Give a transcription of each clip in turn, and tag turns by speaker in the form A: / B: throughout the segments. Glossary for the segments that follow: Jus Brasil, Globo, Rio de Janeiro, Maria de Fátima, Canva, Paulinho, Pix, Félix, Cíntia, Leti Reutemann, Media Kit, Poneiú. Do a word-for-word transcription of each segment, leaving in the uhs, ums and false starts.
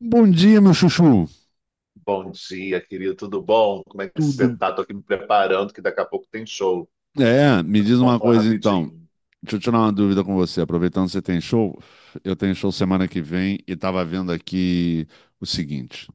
A: Bom dia, meu chuchu.
B: Bom dia, querido. Tudo bom? Como é que você
A: Tudo.
B: tá? Tô aqui me preparando, que daqui a pouco tem show.
A: É, me diz
B: Vamos
A: uma
B: falar
A: coisa então.
B: rapidinho.
A: Deixa eu tirar uma dúvida com você. Aproveitando que você tem show, eu tenho show semana que vem e estava vendo aqui o seguinte: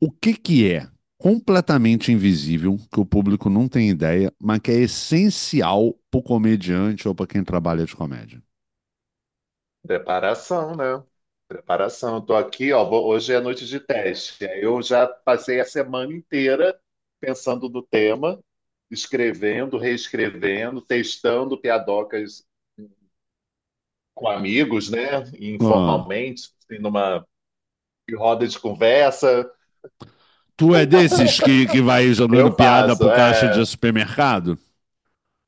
A: o que que é completamente invisível, que o público não tem ideia, mas que é essencial pro comediante ou para quem trabalha de comédia?
B: Preparação, né? Preparação. Eu tô aqui, ó. vou- Hoje é noite de teste. Eu já passei a semana inteira pensando no tema, escrevendo, reescrevendo, testando piadocas com amigos, né?
A: Ah,
B: Informalmente, assim, numa roda de conversa.
A: tu é desses que, que vai
B: Eu
A: jogando piada
B: faço,
A: pro caixa de
B: é.
A: supermercado?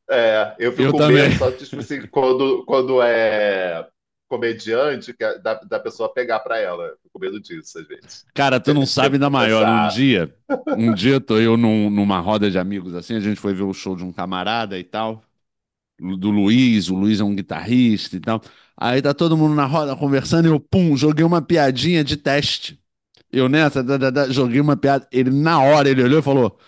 B: É, eu fico
A: Eu
B: com
A: também.
B: medo, só tipo assim, quando, quando é comediante, que é da, da pessoa pegar pra ela. Eu fico com medo disso, às vezes.
A: Cara, tu não sabe
B: Devo
A: da maior. Um
B: compensar.
A: dia, um dia tô eu num- numa roda de amigos assim, a gente foi ver o show de um camarada e tal, do Luiz, o Luiz é um guitarrista e tal. Aí tá todo mundo na roda conversando e eu, pum, joguei uma piadinha de teste. Eu nessa, da, da, da, joguei uma piada. Ele, na hora, ele olhou e falou: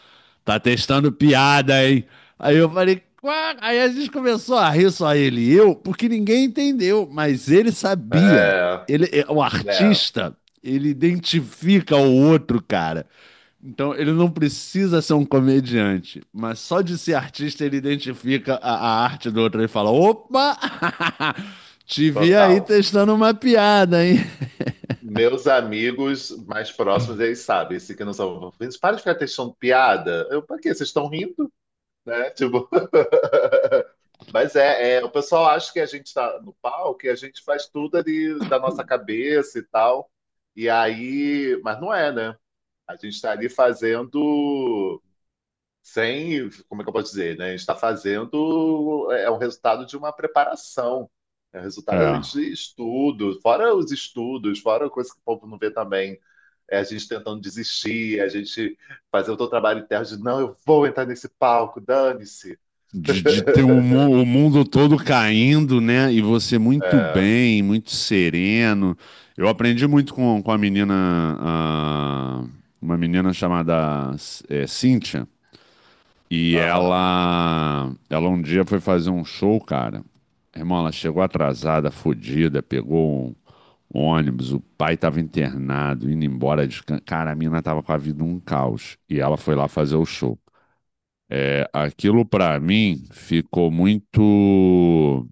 A: Tá testando piada, hein? Aí eu falei, "Quá?" Aí a gente começou a rir só ele e eu, porque ninguém entendeu, mas ele sabia.
B: É,
A: Ele, é- o
B: né,
A: artista, ele identifica o outro, cara. Então ele não precisa ser um comediante, mas só de ser artista ele identifica a, a arte do outro. Ele fala, opa, te vi aí
B: total.
A: testando uma piada, hein?
B: Meus amigos mais próximos, eles sabem, se que não são. Eles para de ficar testando piada. Eu, pra quê? Vocês estão rindo, né? Tipo. Mas é, é, o pessoal acha que a gente está no palco e a gente faz tudo ali da nossa cabeça e tal. E aí. Mas não é, né? A gente está ali fazendo sem, como é que eu posso dizer, né? A gente está fazendo, é um resultado de uma preparação, é um resultado a
A: É.
B: gente de estudo, fora os estudos, fora a coisa que o povo não vê também, é a gente tentando desistir, a gente fazer o teu trabalho interno de, não, eu vou entrar nesse palco, dane-se.
A: De, de ter o, mu- o mundo todo caindo, né? E você muito
B: É,
A: bem, muito sereno. Eu aprendi muito com, com a menina, ah, uma menina chamada eh, Cíntia. E
B: aham.
A: ela, ela um dia foi fazer um show, cara. Irmão, ela chegou atrasada, fodida, pegou um ônibus, o pai tava internado, indo embora de... can- Cara, a mina tava com a vida um caos. E ela foi lá fazer o show. É, aquilo para mim ficou muito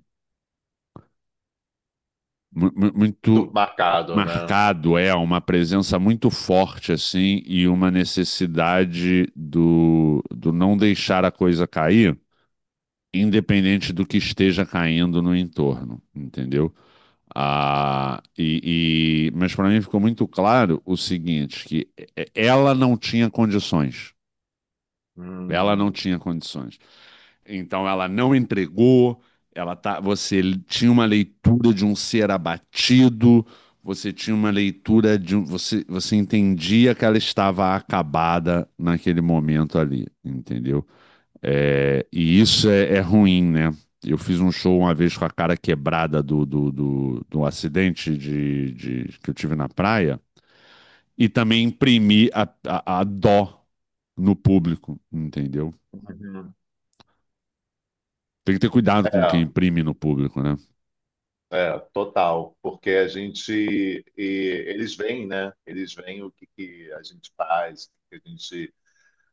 B: Muito
A: muito
B: marcado, né?
A: marcado, é uma presença muito forte assim e uma necessidade do, do não deixar a coisa cair, independente do que esteja caindo no entorno, entendeu? Ah, e, e mas para mim ficou muito claro o seguinte: que é, ela não tinha condições, ela não
B: Hum,
A: tinha condições. Então ela não entregou, ela tá, você tinha uma leitura de um ser abatido, você tinha uma leitura de um, você, você entendia que ela estava acabada naquele momento ali, entendeu? É, e isso é, é ruim, né? Eu fiz um show uma vez com a cara quebrada do, do, do, do acidente de, de- que eu tive na praia e também imprimi a, a, a dó no público, entendeu?
B: uhum.
A: Tem que ter cuidado com quem
B: É.
A: imprime no público, né?
B: É, total, porque a gente, e eles veem, né? Eles veem o que, que a gente faz, o que que a gente.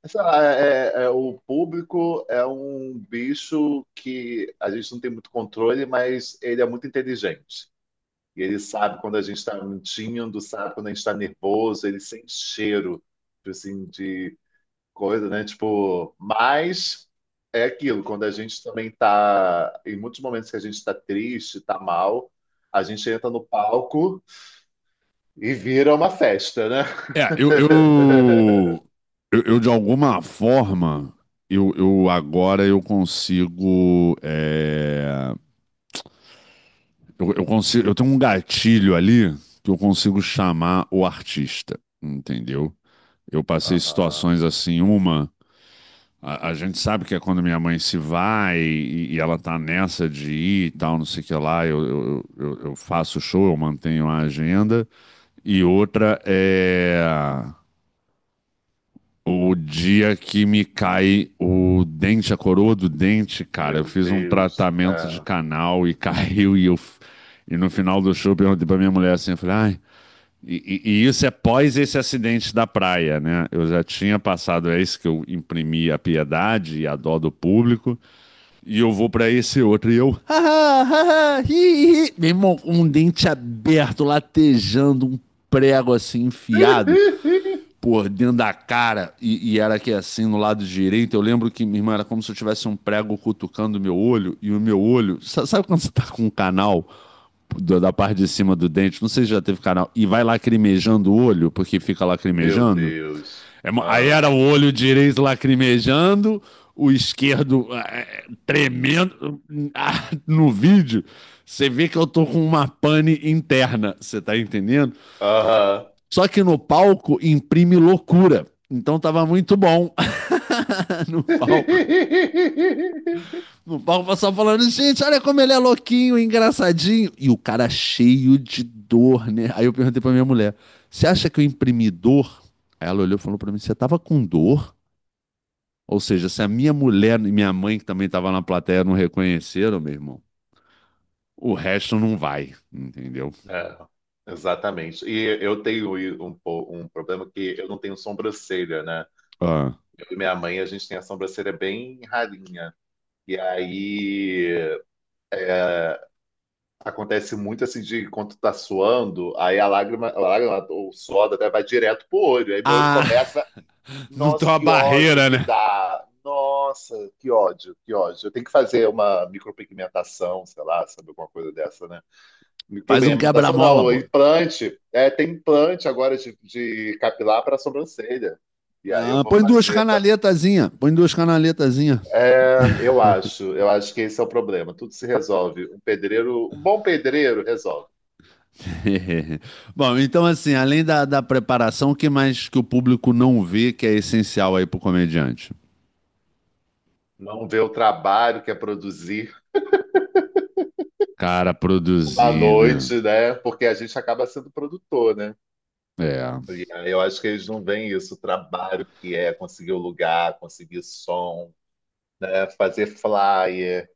B: Sei lá, é- é- é, o público é um bicho que a gente não tem muito controle, mas ele é muito inteligente. E ele sabe quando a gente está mentindo, sabe quando a gente está nervoso, ele sente cheiro, tipo assim, coisa, né? Tipo, mas é aquilo, quando a gente também tá, em muitos momentos que a gente tá triste, tá mal, a gente entra no palco e vira uma festa, né?
A: É, eu, eu, eu, eu, de alguma forma, eu, eu agora eu consigo, é, eu, eu consigo, eu tenho um gatilho ali que eu consigo chamar o artista, entendeu? Eu passei
B: Aham.
A: situações assim, uma, a, a gente sabe que é quando minha mãe se vai e, e ela tá nessa de ir e tal, não sei o que lá, eu, eu, eu, eu faço show, eu mantenho a agenda, e outra é. O dia que me cai o dente, a coroa do dente, cara, eu
B: Meu
A: fiz um
B: Deus.
A: tratamento de
B: É.
A: canal e caiu e eu e no final do show eu perguntei pra minha mulher assim, eu falei, ai, e, e- e isso é pós esse acidente da praia, né? Eu já tinha passado esse que eu imprimi a piedade e a dó do público e eu vou pra esse outro e eu, ah ah, ah, hi, hi. Meu irmão, um dente aberto, latejando, um prego assim enfiado por dentro da cara e, e era aqui assim no lado direito. Eu lembro que, minha irmã, era como se eu tivesse um prego cutucando o meu olho e o meu olho. sa- Sabe quando você tá com um canal do- da parte de cima do dente? Não sei se já teve canal. E vai lacrimejando o olho, porque fica
B: Meu
A: lacrimejando.
B: Deus.
A: É mo- aí
B: Ah.
A: era o olho direito lacrimejando, o esquerdo eh, tremendo. Ah, no vídeo, você vê que eu tô com uma pane interna. Você tá entendendo?
B: Aham.
A: Só que no palco imprime loucura. Então tava muito bom no palco. No palco o pessoal falando, gente, olha como ele é louquinho, engraçadinho. E o cara cheio de dor, né? Aí eu perguntei pra minha mulher, você acha que eu imprimi dor? Aí ela olhou e falou pra mim, você tava com dor? Ou seja, se a minha mulher e minha mãe, que também tava na plateia, não reconheceram, meu irmão, o resto não vai, entendeu?
B: É, exatamente. E eu tenho um, po- um problema que eu não tenho sobrancelha, né?
A: Ah,
B: E minha mãe, a gente tem a sobrancelha bem ralinha. E aí acontece muito assim de quando tu tá suando, aí a lágrima, a lágrima ou o suor até vai direto pro olho. Aí meu olho
A: ah
B: começa,
A: não tem
B: nossa,
A: uma
B: que ódio
A: barreira,
B: que
A: né?
B: dá. Nossa, que ódio, que ódio. Eu tenho que fazer uma micropigmentação, sei lá, sabe, alguma coisa dessa, né?
A: Faz um
B: Micropigmentação
A: quebra-mola,
B: não,
A: pô.
B: implante. É, tem implante agora de, de capilar para sobrancelha. E aí eu
A: Ah,
B: vou
A: põe duas
B: fazer para
A: canaletazinhas, põe duas canaletazinhas.
B: É, eu acho, eu acho que esse é o problema. Tudo se resolve. Um pedreiro, um bom pedreiro resolve.
A: Bom, então assim, além da, da preparação, o que mais que o público não vê que é essencial aí pro comediante?
B: Não vê o trabalho que é produzir
A: Cara,
B: uma
A: produzir, né?
B: noite, né? Porque a gente acaba sendo produtor, né?
A: É.
B: E aí eu acho que eles não veem isso, o trabalho que é conseguir o lugar, conseguir som, né? Fazer flyer,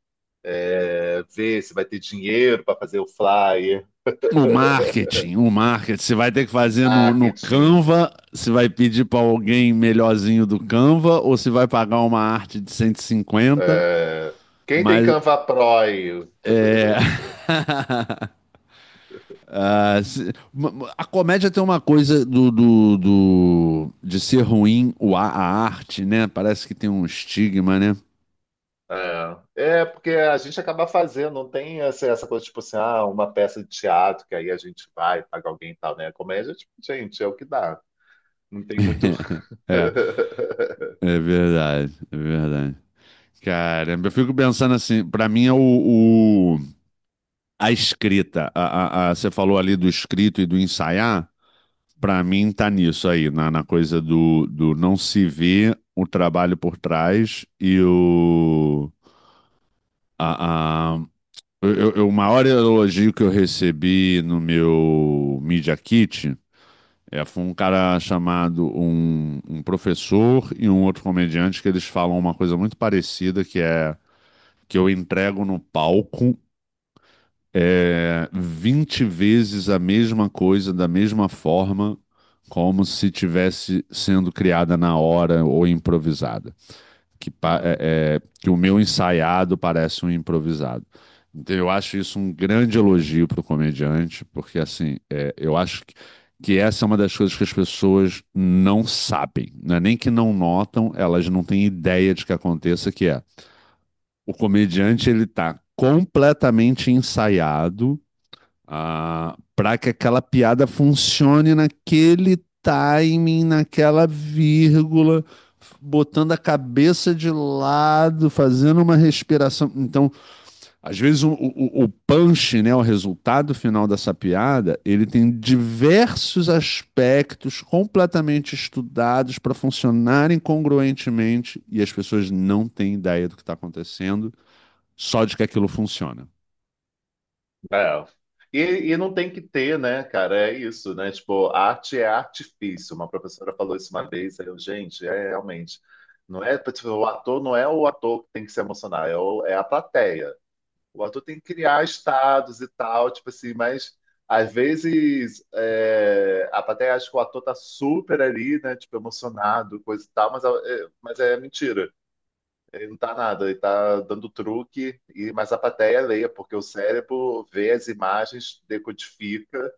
B: é, ver se vai ter dinheiro para fazer o flyer,
A: O marketing, o marketing. Você vai ter que fazer no, no
B: marketing.
A: Canva, você vai pedir pra alguém melhorzinho do Canva, ou você vai pagar uma arte de cento e cinquenta?
B: É, quem tem
A: Mas
B: Canva Pro?
A: é. Ah, se- ma- a comédia tem uma coisa do, do, do- de ser ruim o, a, a arte, né? Parece que tem um estigma, né?
B: É, é porque a gente acaba fazendo, não tem essa, essa coisa tipo assim, ah, uma peça de teatro que aí a gente vai, paga alguém e tal, né? Comédia, tipo, gente, é o que dá. Não tem muito.
A: É, é verdade, é verdade. Caramba, eu fico pensando assim, pra mim é o, o- a escrita, a, a- a- você falou ali do escrito e do ensaiar, pra mim tá nisso aí, na, na coisa do, do não se ver o trabalho por trás e o, a- Eu, eu- eu- o maior elogio que eu recebi no meu Media Kit, é, foi um cara chamado um, um, professor e um outro comediante que eles falam uma coisa muito parecida que é que eu entrego no palco é, vinte vezes a mesma coisa, da mesma forma, como se tivesse sendo criada na hora ou improvisada, que, pa- é-
B: Uhum.
A: é, que o meu ensaiado parece um improvisado. Então, eu acho isso um grande elogio para o comediante, porque assim, é, eu acho que, que essa é uma das coisas que as pessoas não sabem, não é nem que não notam, elas não têm ideia de que aconteça, que é o comediante ele está completamente ensaiado, ah, para que aquela piada funcione naquele timing, naquela vírgula, botando a cabeça de lado, fazendo uma respiração. Então, às vezes o, o, o punch, né, o resultado final dessa piada, ele tem diversos aspectos completamente estudados para funcionarem congruentemente e as pessoas não têm ideia do que está acontecendo, só de que aquilo funciona.
B: É. E, e não tem que ter, né, cara? É isso, né? Tipo, arte é artifício. Uma professora falou isso uma vez, aí eu, gente, é realmente. Não é, tipo, o ator não é o ator que tem que se emocionar, é, o- é a plateia. O ator tem que criar estados e tal, tipo assim, mas às vezes é, a plateia acha que o ator tá super ali, né? Tipo, emocionado, coisa e tal, mas é, é, mas é mentira. Ele não tá nada, ele tá dando truque, e, mas a plateia leia, porque o cérebro vê as imagens, decodifica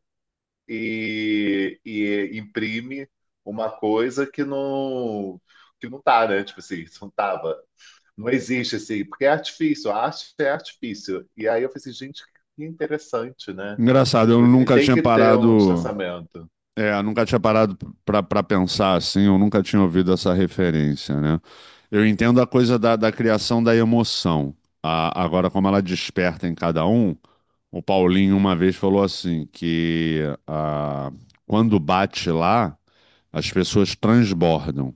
B: e, e imprime uma coisa que não, que não tá, né? Tipo assim, isso não tava. Não existe assim, porque é artifício, a arte é artifício. E aí eu falei assim, gente, que interessante, né?
A: Engraçado, eu nunca
B: Tem
A: tinha
B: que ter um
A: parado
B: distanciamento.
A: É, eu nunca tinha parado pra pra pensar assim, eu nunca tinha ouvido essa referência, né? Eu entendo a coisa da, da criação da emoção. A- agora, como ela desperta em cada um, o Paulinho uma vez falou assim, que ah, quando bate lá, as pessoas transbordam.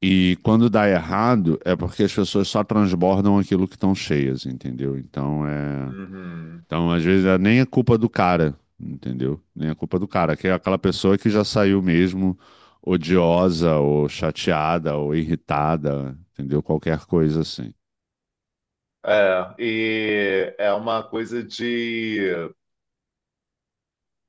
A: E quando dá errado, é porque as pessoas só transbordam aquilo que estão cheias, entendeu? Então, é.
B: Uhum.
A: Então, às vezes, é nem é culpa do cara, entendeu? Nem é culpa do cara, que é aquela pessoa que já saiu mesmo odiosa ou chateada ou irritada, entendeu? Qualquer coisa assim.
B: É, e é uma coisa de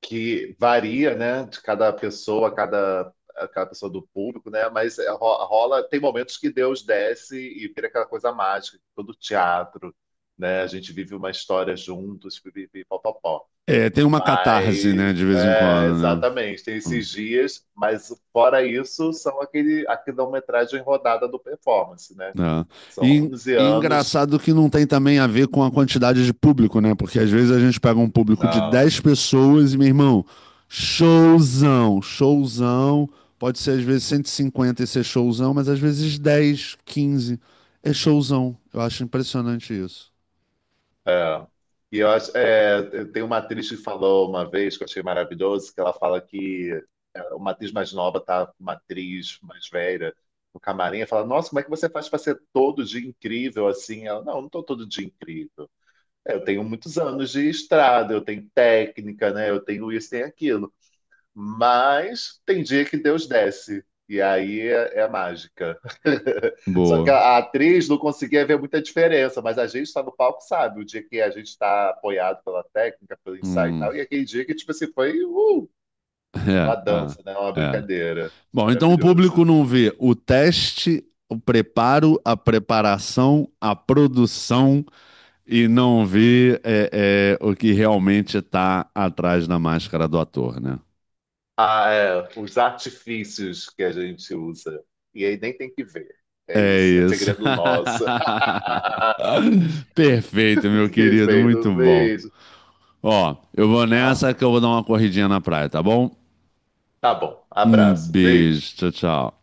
B: que varia, né, de cada pessoa, cada cada pessoa do público, né? Mas é, ro- rola, tem momentos que Deus desce e vira aquela coisa mágica, todo teatro, né? A gente vive uma história juntos, pipipi, pó, pó, pó.
A: É, tem uma catarse, né,
B: Mas,
A: de vez em
B: é,
A: quando, né?
B: exatamente, tem
A: Hum.
B: esses dias, mas fora isso, são aquele, a quilometragem rodada do performance, né?
A: É.
B: São
A: E,
B: onze
A: e
B: anos.
A: engraçado que não tem também a ver com a quantidade de público, né? Porque às vezes a gente pega um público de
B: Não,
A: dez pessoas e, meu irmão, showzão, showzão. Pode ser às vezes cento e cinquenta e ser showzão, mas às vezes dez, quinze é showzão. Eu acho impressionante isso.
B: é. E eu acho, é, tem uma atriz que falou uma vez, que eu achei maravilhoso, que ela fala que uma atriz mais nova tá com uma atriz mais velha no camarim, e fala, nossa, como é que você faz para ser todo dia incrível assim? Ela, não, eu não tô todo dia incrível. É, eu tenho muitos anos de estrada, eu tenho técnica, né? Eu tenho isso, tenho aquilo. Mas tem dia que Deus desce. E aí é, é a mágica. Só que a,
A: Boa.
B: a atriz não conseguia ver muita diferença, mas a gente está no palco, sabe? O dia que a gente está apoiado pela técnica, pelo ensaio e
A: Hum.
B: tal, e aquele dia que, tipo assim, foi uh, uma dança, né? Uma
A: É, é, é.
B: brincadeira.
A: Bom, então o público
B: Maravilhoso.
A: não vê o teste, o preparo, a preparação, a produção. E não ver é, é, o que realmente está atrás da máscara do ator, né?
B: Ah, é, os artifícios que a gente usa. E aí nem tem que ver. É
A: É
B: isso. É
A: isso.
B: segredo nosso.
A: Perfeito, meu querido,
B: Respeito,
A: muito bom.
B: beijo.
A: Ó, eu vou
B: Ah,
A: nessa que eu vou dar uma corridinha na praia, tá bom?
B: tá bom,
A: Um
B: abraço, beijo.
A: beijo, tchau, tchau.